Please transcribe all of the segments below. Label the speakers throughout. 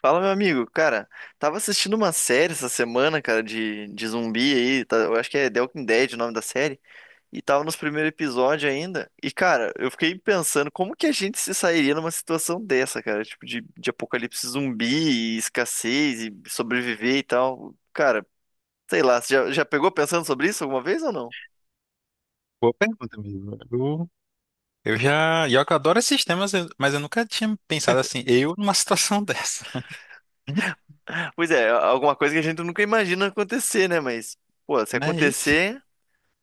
Speaker 1: Fala, meu amigo. Cara, tava assistindo uma série essa semana, cara, de zumbi aí. Eu acho que é The Walking Dead o nome da série. E tava nos primeiros episódios ainda. E, cara, eu fiquei pensando como que a gente se sairia numa situação dessa, cara? Tipo, de apocalipse zumbi, e escassez e sobreviver e tal. Cara, sei lá, você já pegou pensando sobre isso alguma vez ou não?
Speaker 2: Boa pergunta mesmo. Eu já. E eu que adoro esses temas, mas eu nunca tinha pensado assim, eu numa situação dessa.
Speaker 1: Pois é, alguma coisa que a gente nunca imagina acontecer, né? Mas, pô, se
Speaker 2: Não é isso?
Speaker 1: acontecer.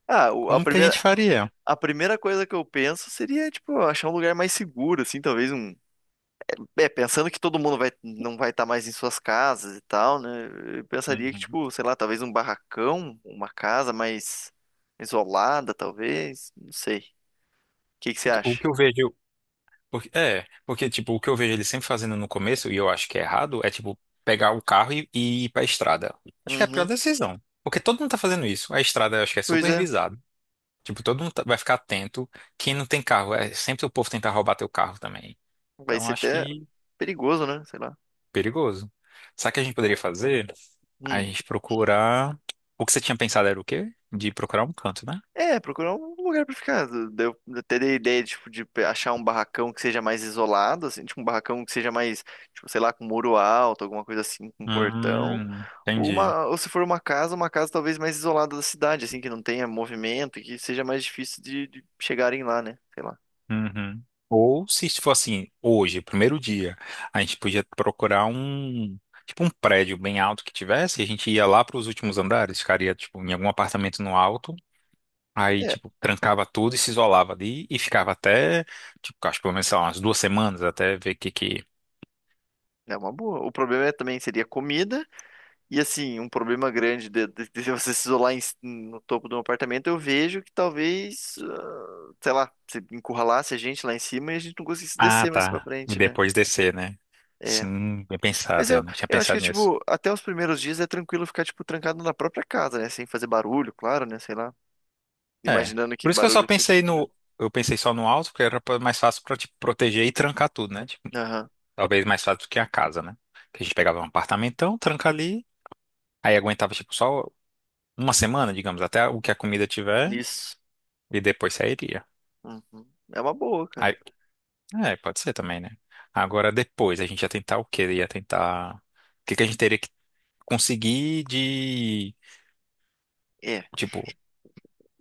Speaker 1: Ah, o- a
Speaker 2: Como que a
Speaker 1: primeira,
Speaker 2: gente faria?
Speaker 1: A primeira coisa que eu penso seria, tipo, achar um lugar mais seguro, assim, talvez um. É, pensando que todo mundo vai, não vai estar mais em suas casas e tal, né? Eu pensaria que,
Speaker 2: Uhum.
Speaker 1: tipo, sei lá, talvez um barracão, uma casa mais isolada, talvez. Não sei. O que que
Speaker 2: O
Speaker 1: você
Speaker 2: que o
Speaker 1: acha?
Speaker 2: que eu vejo. É, porque, tipo, o que eu vejo eles sempre fazendo no começo, e eu acho que é errado, é, tipo, pegar o carro e ir pra estrada. Acho que é a pior
Speaker 1: Uhum.
Speaker 2: decisão. Porque todo mundo tá fazendo isso. A estrada, eu acho que é
Speaker 1: Pois é.
Speaker 2: supervisada. Tipo, todo mundo vai ficar atento. Quem não tem carro, é sempre o povo tentar roubar teu carro também.
Speaker 1: Vai
Speaker 2: Então,
Speaker 1: ser
Speaker 2: acho
Speaker 1: até
Speaker 2: que
Speaker 1: perigoso, né? Sei lá.
Speaker 2: perigoso. Sabe o que a gente poderia fazer? A
Speaker 1: Hum.
Speaker 2: gente procurar. O que você tinha pensado era o quê? De procurar um canto, né?
Speaker 1: É, procurar um lugar pra ficar. Daí eu até dei a ideia, tipo, de achar um barracão que seja mais isolado, assim, tipo, um barracão que seja mais, tipo, sei lá, com muro alto, alguma coisa assim, com portão. Ou,
Speaker 2: Entendi.
Speaker 1: uma, ou se for uma casa talvez mais isolada da cidade, assim, que não tenha movimento e que seja mais difícil de chegarem lá, né? Sei lá.
Speaker 2: Uhum. Ou se for assim, hoje, primeiro dia, a gente podia procurar um. Tipo um prédio bem alto que tivesse, e a gente ia lá para os últimos andares, ficaria tipo em algum apartamento no alto, aí
Speaker 1: É,
Speaker 2: tipo trancava tudo e se isolava ali e ficava até, tipo, acho que pelo menos sei lá, umas 2 semanas até ver o que que.
Speaker 1: é uma boa. O problema é, também seria comida e, assim, um problema grande de, de você se isolar em no topo de um apartamento, eu vejo que talvez, ah, sei lá, se encurralasse a gente lá em cima e a gente não conseguisse
Speaker 2: Ah,
Speaker 1: descer mais pra
Speaker 2: tá. E
Speaker 1: frente, né?
Speaker 2: depois descer, né?
Speaker 1: É.
Speaker 2: Sim, bem
Speaker 1: Mas
Speaker 2: pensado. Eu
Speaker 1: eu,
Speaker 2: não tinha
Speaker 1: eu acho que,
Speaker 2: pensado nisso.
Speaker 1: tipo, até os primeiros dias é tranquilo ficar, tipo, trancado na própria casa, né? Sem fazer barulho, claro, né? Sei lá.
Speaker 2: É.
Speaker 1: Imaginando que
Speaker 2: Por isso que eu só
Speaker 1: barulho seja.
Speaker 2: pensei no. Eu pensei só no alto, porque era mais fácil pra te proteger e trancar tudo, né? Tipo,
Speaker 1: Aham.
Speaker 2: talvez mais fácil do que a casa, né? Que a gente pegava um apartamentão, tranca ali, aí aguentava, tipo, só uma semana, digamos, até o que a comida tiver,
Speaker 1: Isso.
Speaker 2: e depois sairia.
Speaker 1: Uhum. É uma boa, cara.
Speaker 2: Aí, é, pode ser também, né? Agora depois, a gente ia tentar o quê? Ia tentar. O que que a gente teria que conseguir de.
Speaker 1: É.
Speaker 2: Tipo,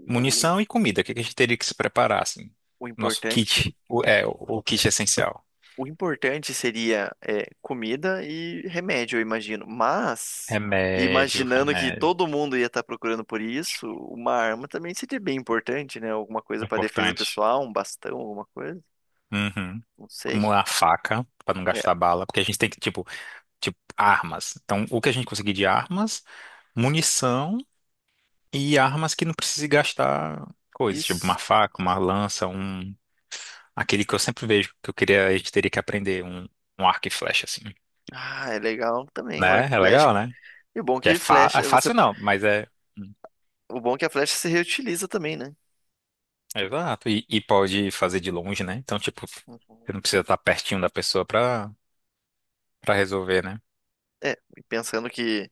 Speaker 1: O,
Speaker 2: munição e comida. O que que a gente teria que se preparar, assim?
Speaker 1: o
Speaker 2: Nosso
Speaker 1: importante,
Speaker 2: kit. O kit essencial.
Speaker 1: o importante seria é, comida e remédio, eu imagino. Mas,
Speaker 2: Remédio,
Speaker 1: imaginando que
Speaker 2: remédio.
Speaker 1: todo mundo ia estar procurando por isso, uma arma também seria bem importante, né? Alguma coisa para defesa
Speaker 2: Importante.
Speaker 1: pessoal, um bastão, alguma coisa.
Speaker 2: Uhum.
Speaker 1: Não sei.
Speaker 2: Uma faca, para não
Speaker 1: É,
Speaker 2: gastar bala. Porque a gente tem que, tipo, armas. Então, o que a gente conseguir de armas, munição e armas que não precise gastar coisas. Tipo, uma
Speaker 1: isso.
Speaker 2: faca, uma lança, um. Aquele que eu sempre vejo, que eu queria, a gente teria que aprender, um arco e flecha, assim.
Speaker 1: Ah, é legal também, um
Speaker 2: Né?
Speaker 1: arco e
Speaker 2: É
Speaker 1: flecha.
Speaker 2: legal, né?
Speaker 1: E o bom
Speaker 2: Que é,
Speaker 1: que
Speaker 2: é
Speaker 1: flecha, você,
Speaker 2: fácil não, mas é. Hum.
Speaker 1: o bom é que a flecha se reutiliza também, né?
Speaker 2: Exato. E pode fazer de longe, né? Então, tipo,
Speaker 1: Uhum.
Speaker 2: você não precisa estar pertinho da pessoa pra resolver, né?
Speaker 1: É, e pensando que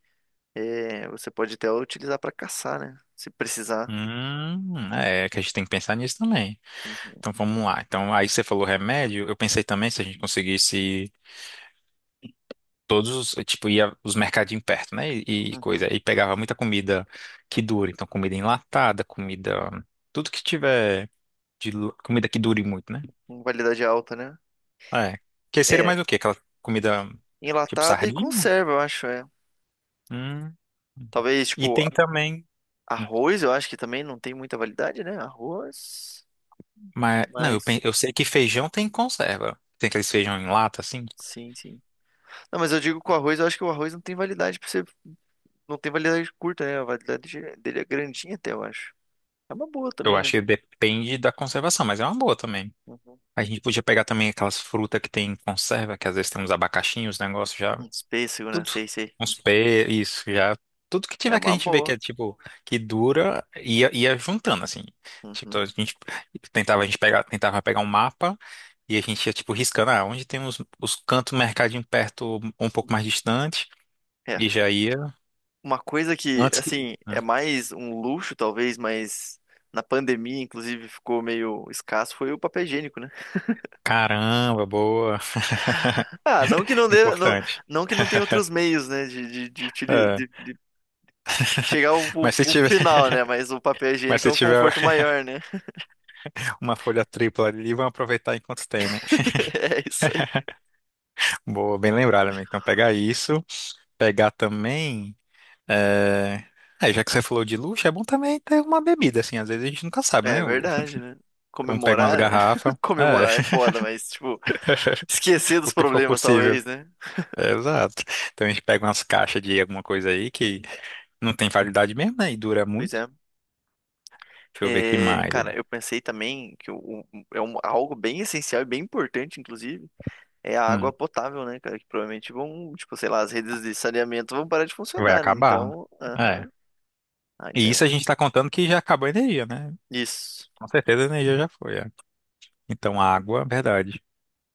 Speaker 1: é, você pode até utilizar para caçar, né? Se precisar.
Speaker 2: É que a gente tem que pensar nisso também.
Speaker 1: Uhum,
Speaker 2: Então, vamos lá. Então, aí você falou remédio, eu pensei também se a gente conseguisse todos os, tipo, ia os mercadinhos perto, né? E
Speaker 1: uhum.
Speaker 2: coisa. E pegava muita comida que dure. Então, comida enlatada, comida, tudo que tiver comida que dure muito, né?
Speaker 1: Com validade alta, né?
Speaker 2: É. Que seria
Speaker 1: É,
Speaker 2: mais o quê? Aquela comida tipo
Speaker 1: enlatado e
Speaker 2: sardinha?
Speaker 1: conserva, eu acho, é.
Speaker 2: Hum.
Speaker 1: Talvez,
Speaker 2: E
Speaker 1: tipo,
Speaker 2: tem também.
Speaker 1: arroz, eu acho que também não tem muita validade, né? Arroz.
Speaker 2: Mas,
Speaker 1: Que
Speaker 2: não,
Speaker 1: mais?
Speaker 2: eu sei que feijão tem conserva. Tem aqueles feijão em lata, assim.
Speaker 1: Sim, sim. Não, mas eu digo com arroz, eu acho que o arroz não tem validade pra você. Não tem validade curta, né? A validade dele é grandinha até, eu acho. É uma boa
Speaker 2: Eu
Speaker 1: também, né?
Speaker 2: acho que depende da conservação, mas é uma boa também.
Speaker 1: Uhum.
Speaker 2: A gente podia pegar também aquelas frutas que tem conserva, que às vezes tem uns abacaxinhos, negócio já.
Speaker 1: Um pêssego, né?
Speaker 2: Tudo.
Speaker 1: Sei, sei.
Speaker 2: Uns pés, isso, já. Tudo que
Speaker 1: É
Speaker 2: tiver que a
Speaker 1: uma
Speaker 2: gente vê que
Speaker 1: boa.
Speaker 2: é tipo, que dura, ia juntando, assim. Tipo, então
Speaker 1: Uhum.
Speaker 2: a gente tentava, a gente pegar, tentava pegar um mapa e a gente ia, tipo, riscando, ah, onde tem os cantos mercadinho perto, um pouco mais distante,
Speaker 1: É,
Speaker 2: e já ia.
Speaker 1: uma coisa que,
Speaker 2: Antes que.
Speaker 1: assim, é mais um luxo, talvez, mas na pandemia, inclusive, ficou meio escasso, foi o papel higiênico, né?
Speaker 2: Caramba, boa.
Speaker 1: Ah, não que não dê, não,
Speaker 2: Importante.
Speaker 1: não que não tenha outros meios, né, de, utili-
Speaker 2: É.
Speaker 1: de- de chegar ao, ao-
Speaker 2: Mas se
Speaker 1: ao
Speaker 2: tiver,
Speaker 1: final, né? Mas o papel
Speaker 2: mas
Speaker 1: higiênico é
Speaker 2: se
Speaker 1: um
Speaker 2: tiver
Speaker 1: conforto maior, né?
Speaker 2: uma folha tripla ali, vão aproveitar enquanto tem, né?
Speaker 1: É isso aí.
Speaker 2: Boa, bem lembrado, amigo. Então pegar isso, pegar também. É... é, já que você falou de luxo, é bom também ter uma bebida, assim. Às vezes a gente nunca sabe,
Speaker 1: É
Speaker 2: né?
Speaker 1: verdade, né?
Speaker 2: Então pega umas
Speaker 1: Comemorar, né?
Speaker 2: garrafas, é,
Speaker 1: Comemorar é foda, mas, tipo, esquecer
Speaker 2: o
Speaker 1: dos
Speaker 2: que for
Speaker 1: problemas,
Speaker 2: possível.
Speaker 1: talvez, né?
Speaker 2: É, exato. Então a gente pega umas caixas de alguma coisa aí que não tem validade mesmo, né? E dura
Speaker 1: Pois
Speaker 2: muito.
Speaker 1: é.
Speaker 2: Deixa eu ver que
Speaker 1: É,
Speaker 2: mais.
Speaker 1: cara, eu pensei também que é um- algo bem essencial e bem importante, inclusive, é a água
Speaker 2: Hum,
Speaker 1: potável, né, cara? Que provavelmente vão, tipo, sei lá, as redes de saneamento vão parar de
Speaker 2: vai
Speaker 1: funcionar, né?
Speaker 2: acabar.
Speaker 1: Então,
Speaker 2: É.
Speaker 1: aham. Ah,
Speaker 2: E isso a
Speaker 1: então.
Speaker 2: gente está contando que já acabou a energia, né?
Speaker 1: Isso.
Speaker 2: Com certeza a energia já foi. É. Então, a água, verdade.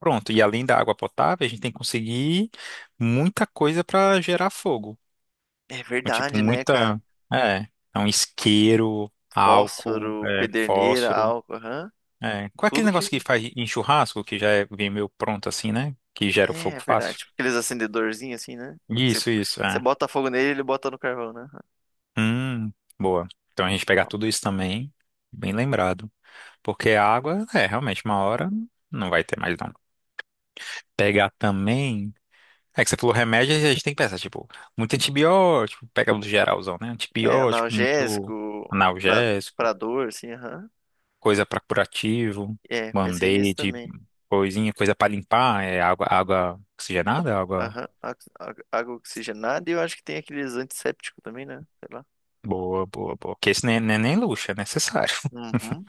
Speaker 2: Pronto. E além da água potável, a gente tem que conseguir muita coisa para gerar fogo.
Speaker 1: É
Speaker 2: Então, tipo,
Speaker 1: verdade, né, cara?
Speaker 2: muita. É. Então, isqueiro, álcool,
Speaker 1: Fósforo,
Speaker 2: é,
Speaker 1: pederneira,
Speaker 2: fósforo.
Speaker 1: álcool, aham.
Speaker 2: É. Qual é aquele
Speaker 1: Tudo que.
Speaker 2: negócio que faz em churrasco, que já é, vem meio pronto assim, né? Que gera o
Speaker 1: É, é
Speaker 2: fogo
Speaker 1: verdade.
Speaker 2: fácil.
Speaker 1: Tipo, aqueles acendedorzinhos assim, né? Você,
Speaker 2: Isso,
Speaker 1: Você
Speaker 2: é.
Speaker 1: bota fogo nele, ele bota no carvão, né?
Speaker 2: Hum, boa. Então, a gente pegar tudo isso também, bem lembrado. Porque a água, é, realmente, uma hora não vai ter mais, não. Pegar também. É que você falou remédio, a gente tem que pensar, tipo, muito antibiótico, pega o geralzão, né?
Speaker 1: É,
Speaker 2: Antibiótico, muito
Speaker 1: analgésico, pra,
Speaker 2: analgésico,
Speaker 1: pra dor, assim, aham.
Speaker 2: coisa pra curativo,
Speaker 1: É, pensei nisso
Speaker 2: band-aid,
Speaker 1: também.
Speaker 2: coisinha, coisa pra limpar, é água, água oxigenada, água
Speaker 1: Aham, Água oxigenada e eu acho que tem aqueles antissépticos também, né? Sei lá.
Speaker 2: boa, boa, boa. Porque esse nem, nem, nem luxo, é necessário.
Speaker 1: Uhum.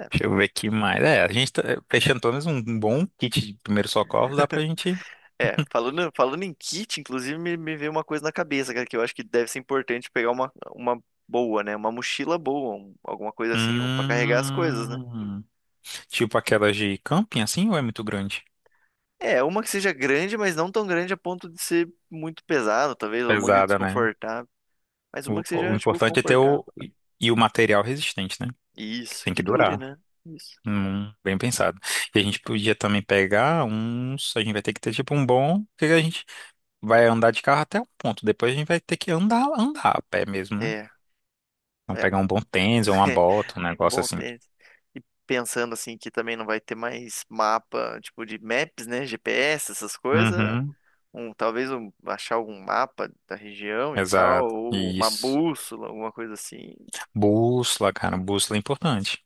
Speaker 1: É,
Speaker 2: Deixa eu ver aqui mais. É, a gente tá fechando pelo menos um bom kit de primeiro socorro, dá pra gente.
Speaker 1: é, falando em kit, inclusive me veio uma coisa na cabeça, cara, que eu acho que deve ser importante pegar uma boa, né? Uma mochila boa, um- alguma coisa assim, pra carregar as coisas, né?
Speaker 2: Hum, tipo aquelas de camping, assim, ou é muito grande?
Speaker 1: É, uma que seja grande, mas não tão grande a ponto de ser muito pesado, talvez, ou muito
Speaker 2: Pesada, né?
Speaker 1: desconfortável. Mas uma
Speaker 2: O,
Speaker 1: que
Speaker 2: o
Speaker 1: seja, tipo,
Speaker 2: importante é ter
Speaker 1: confortável.
Speaker 2: o. E o material resistente, né? Que
Speaker 1: Isso,
Speaker 2: tem
Speaker 1: que
Speaker 2: que
Speaker 1: dure,
Speaker 2: durar.
Speaker 1: né? Isso.
Speaker 2: Bem pensado. E a gente podia também pegar uns. A gente vai ter que ter tipo um bom. Porque a gente vai andar de carro até um ponto. Depois a gente vai ter que andar, andar a pé mesmo, né?
Speaker 1: É,
Speaker 2: Então
Speaker 1: é
Speaker 2: pegar
Speaker 1: um,
Speaker 2: um bom tênis ou uma bota, um
Speaker 1: um
Speaker 2: negócio
Speaker 1: bom
Speaker 2: assim.
Speaker 1: tênis. E pensando assim que também não vai ter mais mapa, tipo de maps, né? GPS, essas coisas.
Speaker 2: Uhum.
Speaker 1: Um, talvez um, achar algum mapa da região e tal,
Speaker 2: Exato.
Speaker 1: ou uma
Speaker 2: Isso.
Speaker 1: bússola, alguma coisa assim.
Speaker 2: Bússola, cara. Bússola é importante.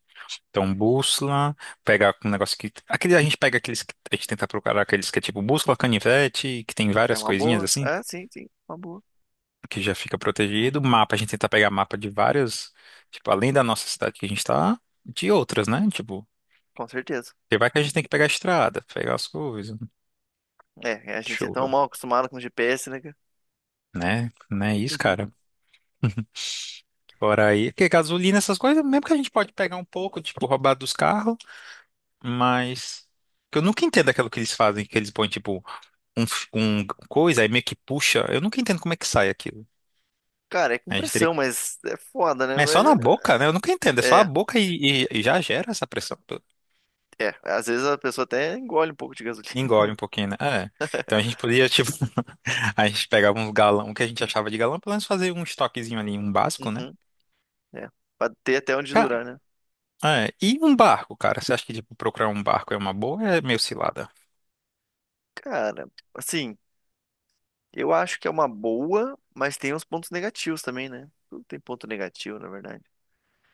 Speaker 2: Então, bússola, pegar um negócio que. Aquele, a gente pega aqueles que a gente tenta procurar aqueles que é tipo bússola, canivete, que tem
Speaker 1: É
Speaker 2: várias
Speaker 1: uma
Speaker 2: coisinhas
Speaker 1: boa.
Speaker 2: assim,
Speaker 1: Ah, sim, sim, uma boa.
Speaker 2: que já fica protegido.
Speaker 1: Uhum.
Speaker 2: Mapa, a gente tenta pegar mapa de várias, tipo, além da nossa cidade que a gente tá, de outras, né? Tipo,
Speaker 1: Com certeza.
Speaker 2: porque vai que a gente tem que pegar a estrada, pegar as coisas,
Speaker 1: É, a gente é
Speaker 2: chuva,
Speaker 1: tão mal acostumado com GPS, né, cara?
Speaker 2: né? Não é isso, cara. Fora aí, porque gasolina, essas coisas, mesmo que a gente pode pegar um pouco, tipo, roubar dos carros, mas. Que eu nunca entendo aquilo que eles fazem, que eles põem, tipo. um coisa, aí meio que puxa. Eu nunca entendo como é que sai aquilo.
Speaker 1: Cara, é com
Speaker 2: A gente teria.
Speaker 1: pressão, mas é foda, né?
Speaker 2: Mas é só
Speaker 1: Mas
Speaker 2: na boca, né? Eu nunca entendo. É só a
Speaker 1: é,
Speaker 2: boca e já gera essa pressão toda.
Speaker 1: é, é. Às vezes a pessoa até engole um pouco de gasolina.
Speaker 2: Engole um pouquinho, né? É. Então a gente podia, tipo, a gente pegava uns galão, o que a gente achava de galão, pelo menos fazer um estoquezinho ali, um básico, né?
Speaker 1: Uhum, é. Pra ter até onde
Speaker 2: Ca-
Speaker 1: durar, né?
Speaker 2: É. E um barco, cara? Você acha que, tipo, procurar um barco é uma boa ou é meio cilada?
Speaker 1: Cara, assim, eu acho que é uma boa, mas tem uns pontos negativos também, né? Tudo tem ponto negativo, na verdade.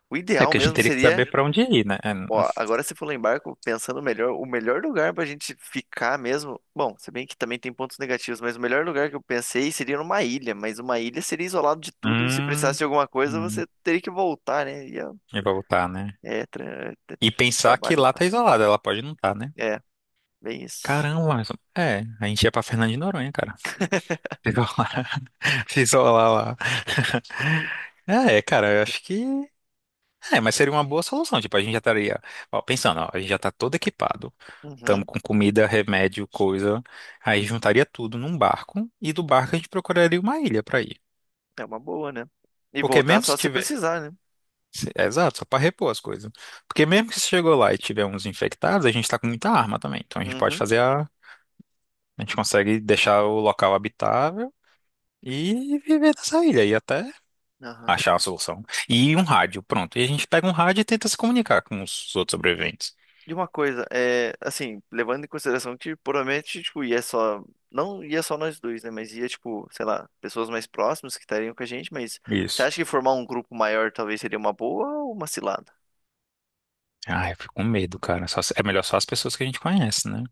Speaker 1: O
Speaker 2: É,
Speaker 1: ideal
Speaker 2: porque a gente
Speaker 1: mesmo
Speaker 2: teria que
Speaker 1: seria,
Speaker 2: saber pra onde ir, né? É.
Speaker 1: ó, agora se for lá em barco, pensando melhor, o melhor lugar pra gente ficar mesmo. Bom, se bem que também tem pontos negativos, mas o melhor lugar que eu pensei seria numa ilha, mas uma ilha seria isolado de tudo e se precisasse
Speaker 2: Hum,
Speaker 1: de alguma coisa,
Speaker 2: hum,
Speaker 1: você teria que voltar, né? E é,
Speaker 2: eu voltar, né?
Speaker 1: é, é
Speaker 2: E pensar que
Speaker 1: trabalho
Speaker 2: lá tá
Speaker 1: demais.
Speaker 2: isolada, ela pode não estar, né?
Speaker 1: É, bem isso.
Speaker 2: Caramba, mas é, a gente ia pra Fernando de Noronha, cara. Se isolar, se isolar lá. É, cara, eu acho que. É, mas seria uma boa solução. Tipo, a gente já estaria. Ó, pensando, ó, a gente já tá todo equipado. Estamos
Speaker 1: Uhum,
Speaker 2: com comida, remédio, coisa. Aí juntaria tudo num barco. E do barco a gente procuraria uma ilha pra ir.
Speaker 1: é uma boa, né? E
Speaker 2: Porque
Speaker 1: voltar
Speaker 2: mesmo se
Speaker 1: só se
Speaker 2: tiver.
Speaker 1: precisar, né?
Speaker 2: É, exato, só pra repor as coisas. Porque mesmo que se chegou lá e tiver uns infectados, a gente tá com muita arma também. Então a gente pode
Speaker 1: Uhum.
Speaker 2: fazer a. A gente consegue deixar o local habitável. E viver nessa ilha e até
Speaker 1: Aham.
Speaker 2: achar a solução. E um rádio, pronto. E a gente pega um rádio e tenta se comunicar com os outros sobreviventes.
Speaker 1: E uma coisa, é, assim, levando em consideração que provavelmente, tipo, ia só, não ia só nós dois, né, mas ia, tipo, sei lá, pessoas mais próximas que estariam com a gente, mas você
Speaker 2: Isso.
Speaker 1: acha que formar um grupo maior talvez seria uma boa ou uma cilada?
Speaker 2: Ai, eu fico com medo, cara. Só se- é melhor só as pessoas que a gente conhece, né?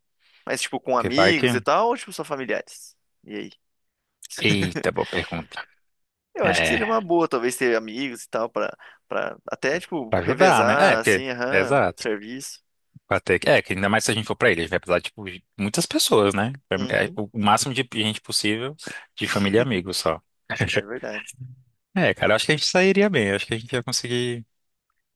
Speaker 1: Mas, tipo, com
Speaker 2: Porque vai que.
Speaker 1: amigos e tal, ou, tipo, só familiares? E aí?
Speaker 2: Eita, boa pergunta.
Speaker 1: Eu acho que seria uma
Speaker 2: É,
Speaker 1: boa, talvez, ter amigos e tal, pra, pra até, tipo,
Speaker 2: pra ajudar, né? É,
Speaker 1: revezar,
Speaker 2: porque.
Speaker 1: assim, aham,
Speaker 2: Exato.
Speaker 1: serviço.
Speaker 2: Pra ter. É, que ainda mais se a gente for pra ilha, a gente vai precisar, tipo, de muitas pessoas, né? É, é,
Speaker 1: Uhum,
Speaker 2: o máximo de gente possível, de família e amigos só.
Speaker 1: é verdade.
Speaker 2: É, cara, eu acho que a gente sairia bem, eu acho que a gente ia conseguir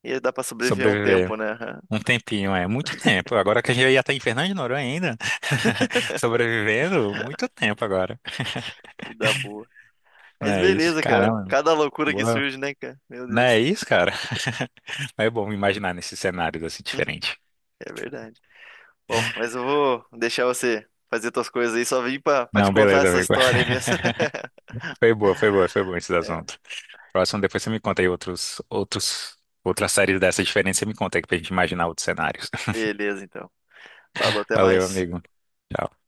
Speaker 1: Ia dar pra sobreviver um
Speaker 2: sobreviver.
Speaker 1: tempo, né, aham,
Speaker 2: Um tempinho, é muito tempo. Agora que a gente ia estar em Fernando de Noronha ainda, sobrevivendo, muito tempo agora.
Speaker 1: e dar boa.
Speaker 2: Não
Speaker 1: Mas
Speaker 2: é isso?
Speaker 1: beleza, cara.
Speaker 2: Caramba,
Speaker 1: Cada loucura que
Speaker 2: boa.
Speaker 1: surge, né, cara? Meu
Speaker 2: Não é
Speaker 1: Deus.
Speaker 2: isso, cara? É bom imaginar nesses cenários assim diferentes.
Speaker 1: É verdade. Bom, mas eu vou deixar você fazer suas coisas aí. Só vim pra te
Speaker 2: Não,
Speaker 1: contar
Speaker 2: beleza,
Speaker 1: essa
Speaker 2: amigo.
Speaker 1: história aí mesmo.
Speaker 2: Foi boa, foi boa, foi bom esses
Speaker 1: É,
Speaker 2: assuntos. Próximo, depois você me conta aí outros, outros, outras séries dessa diferença, você me conta aí pra gente imaginar outros cenários.
Speaker 1: beleza, então. Falou, até
Speaker 2: Valeu,
Speaker 1: mais.
Speaker 2: amigo. Tchau.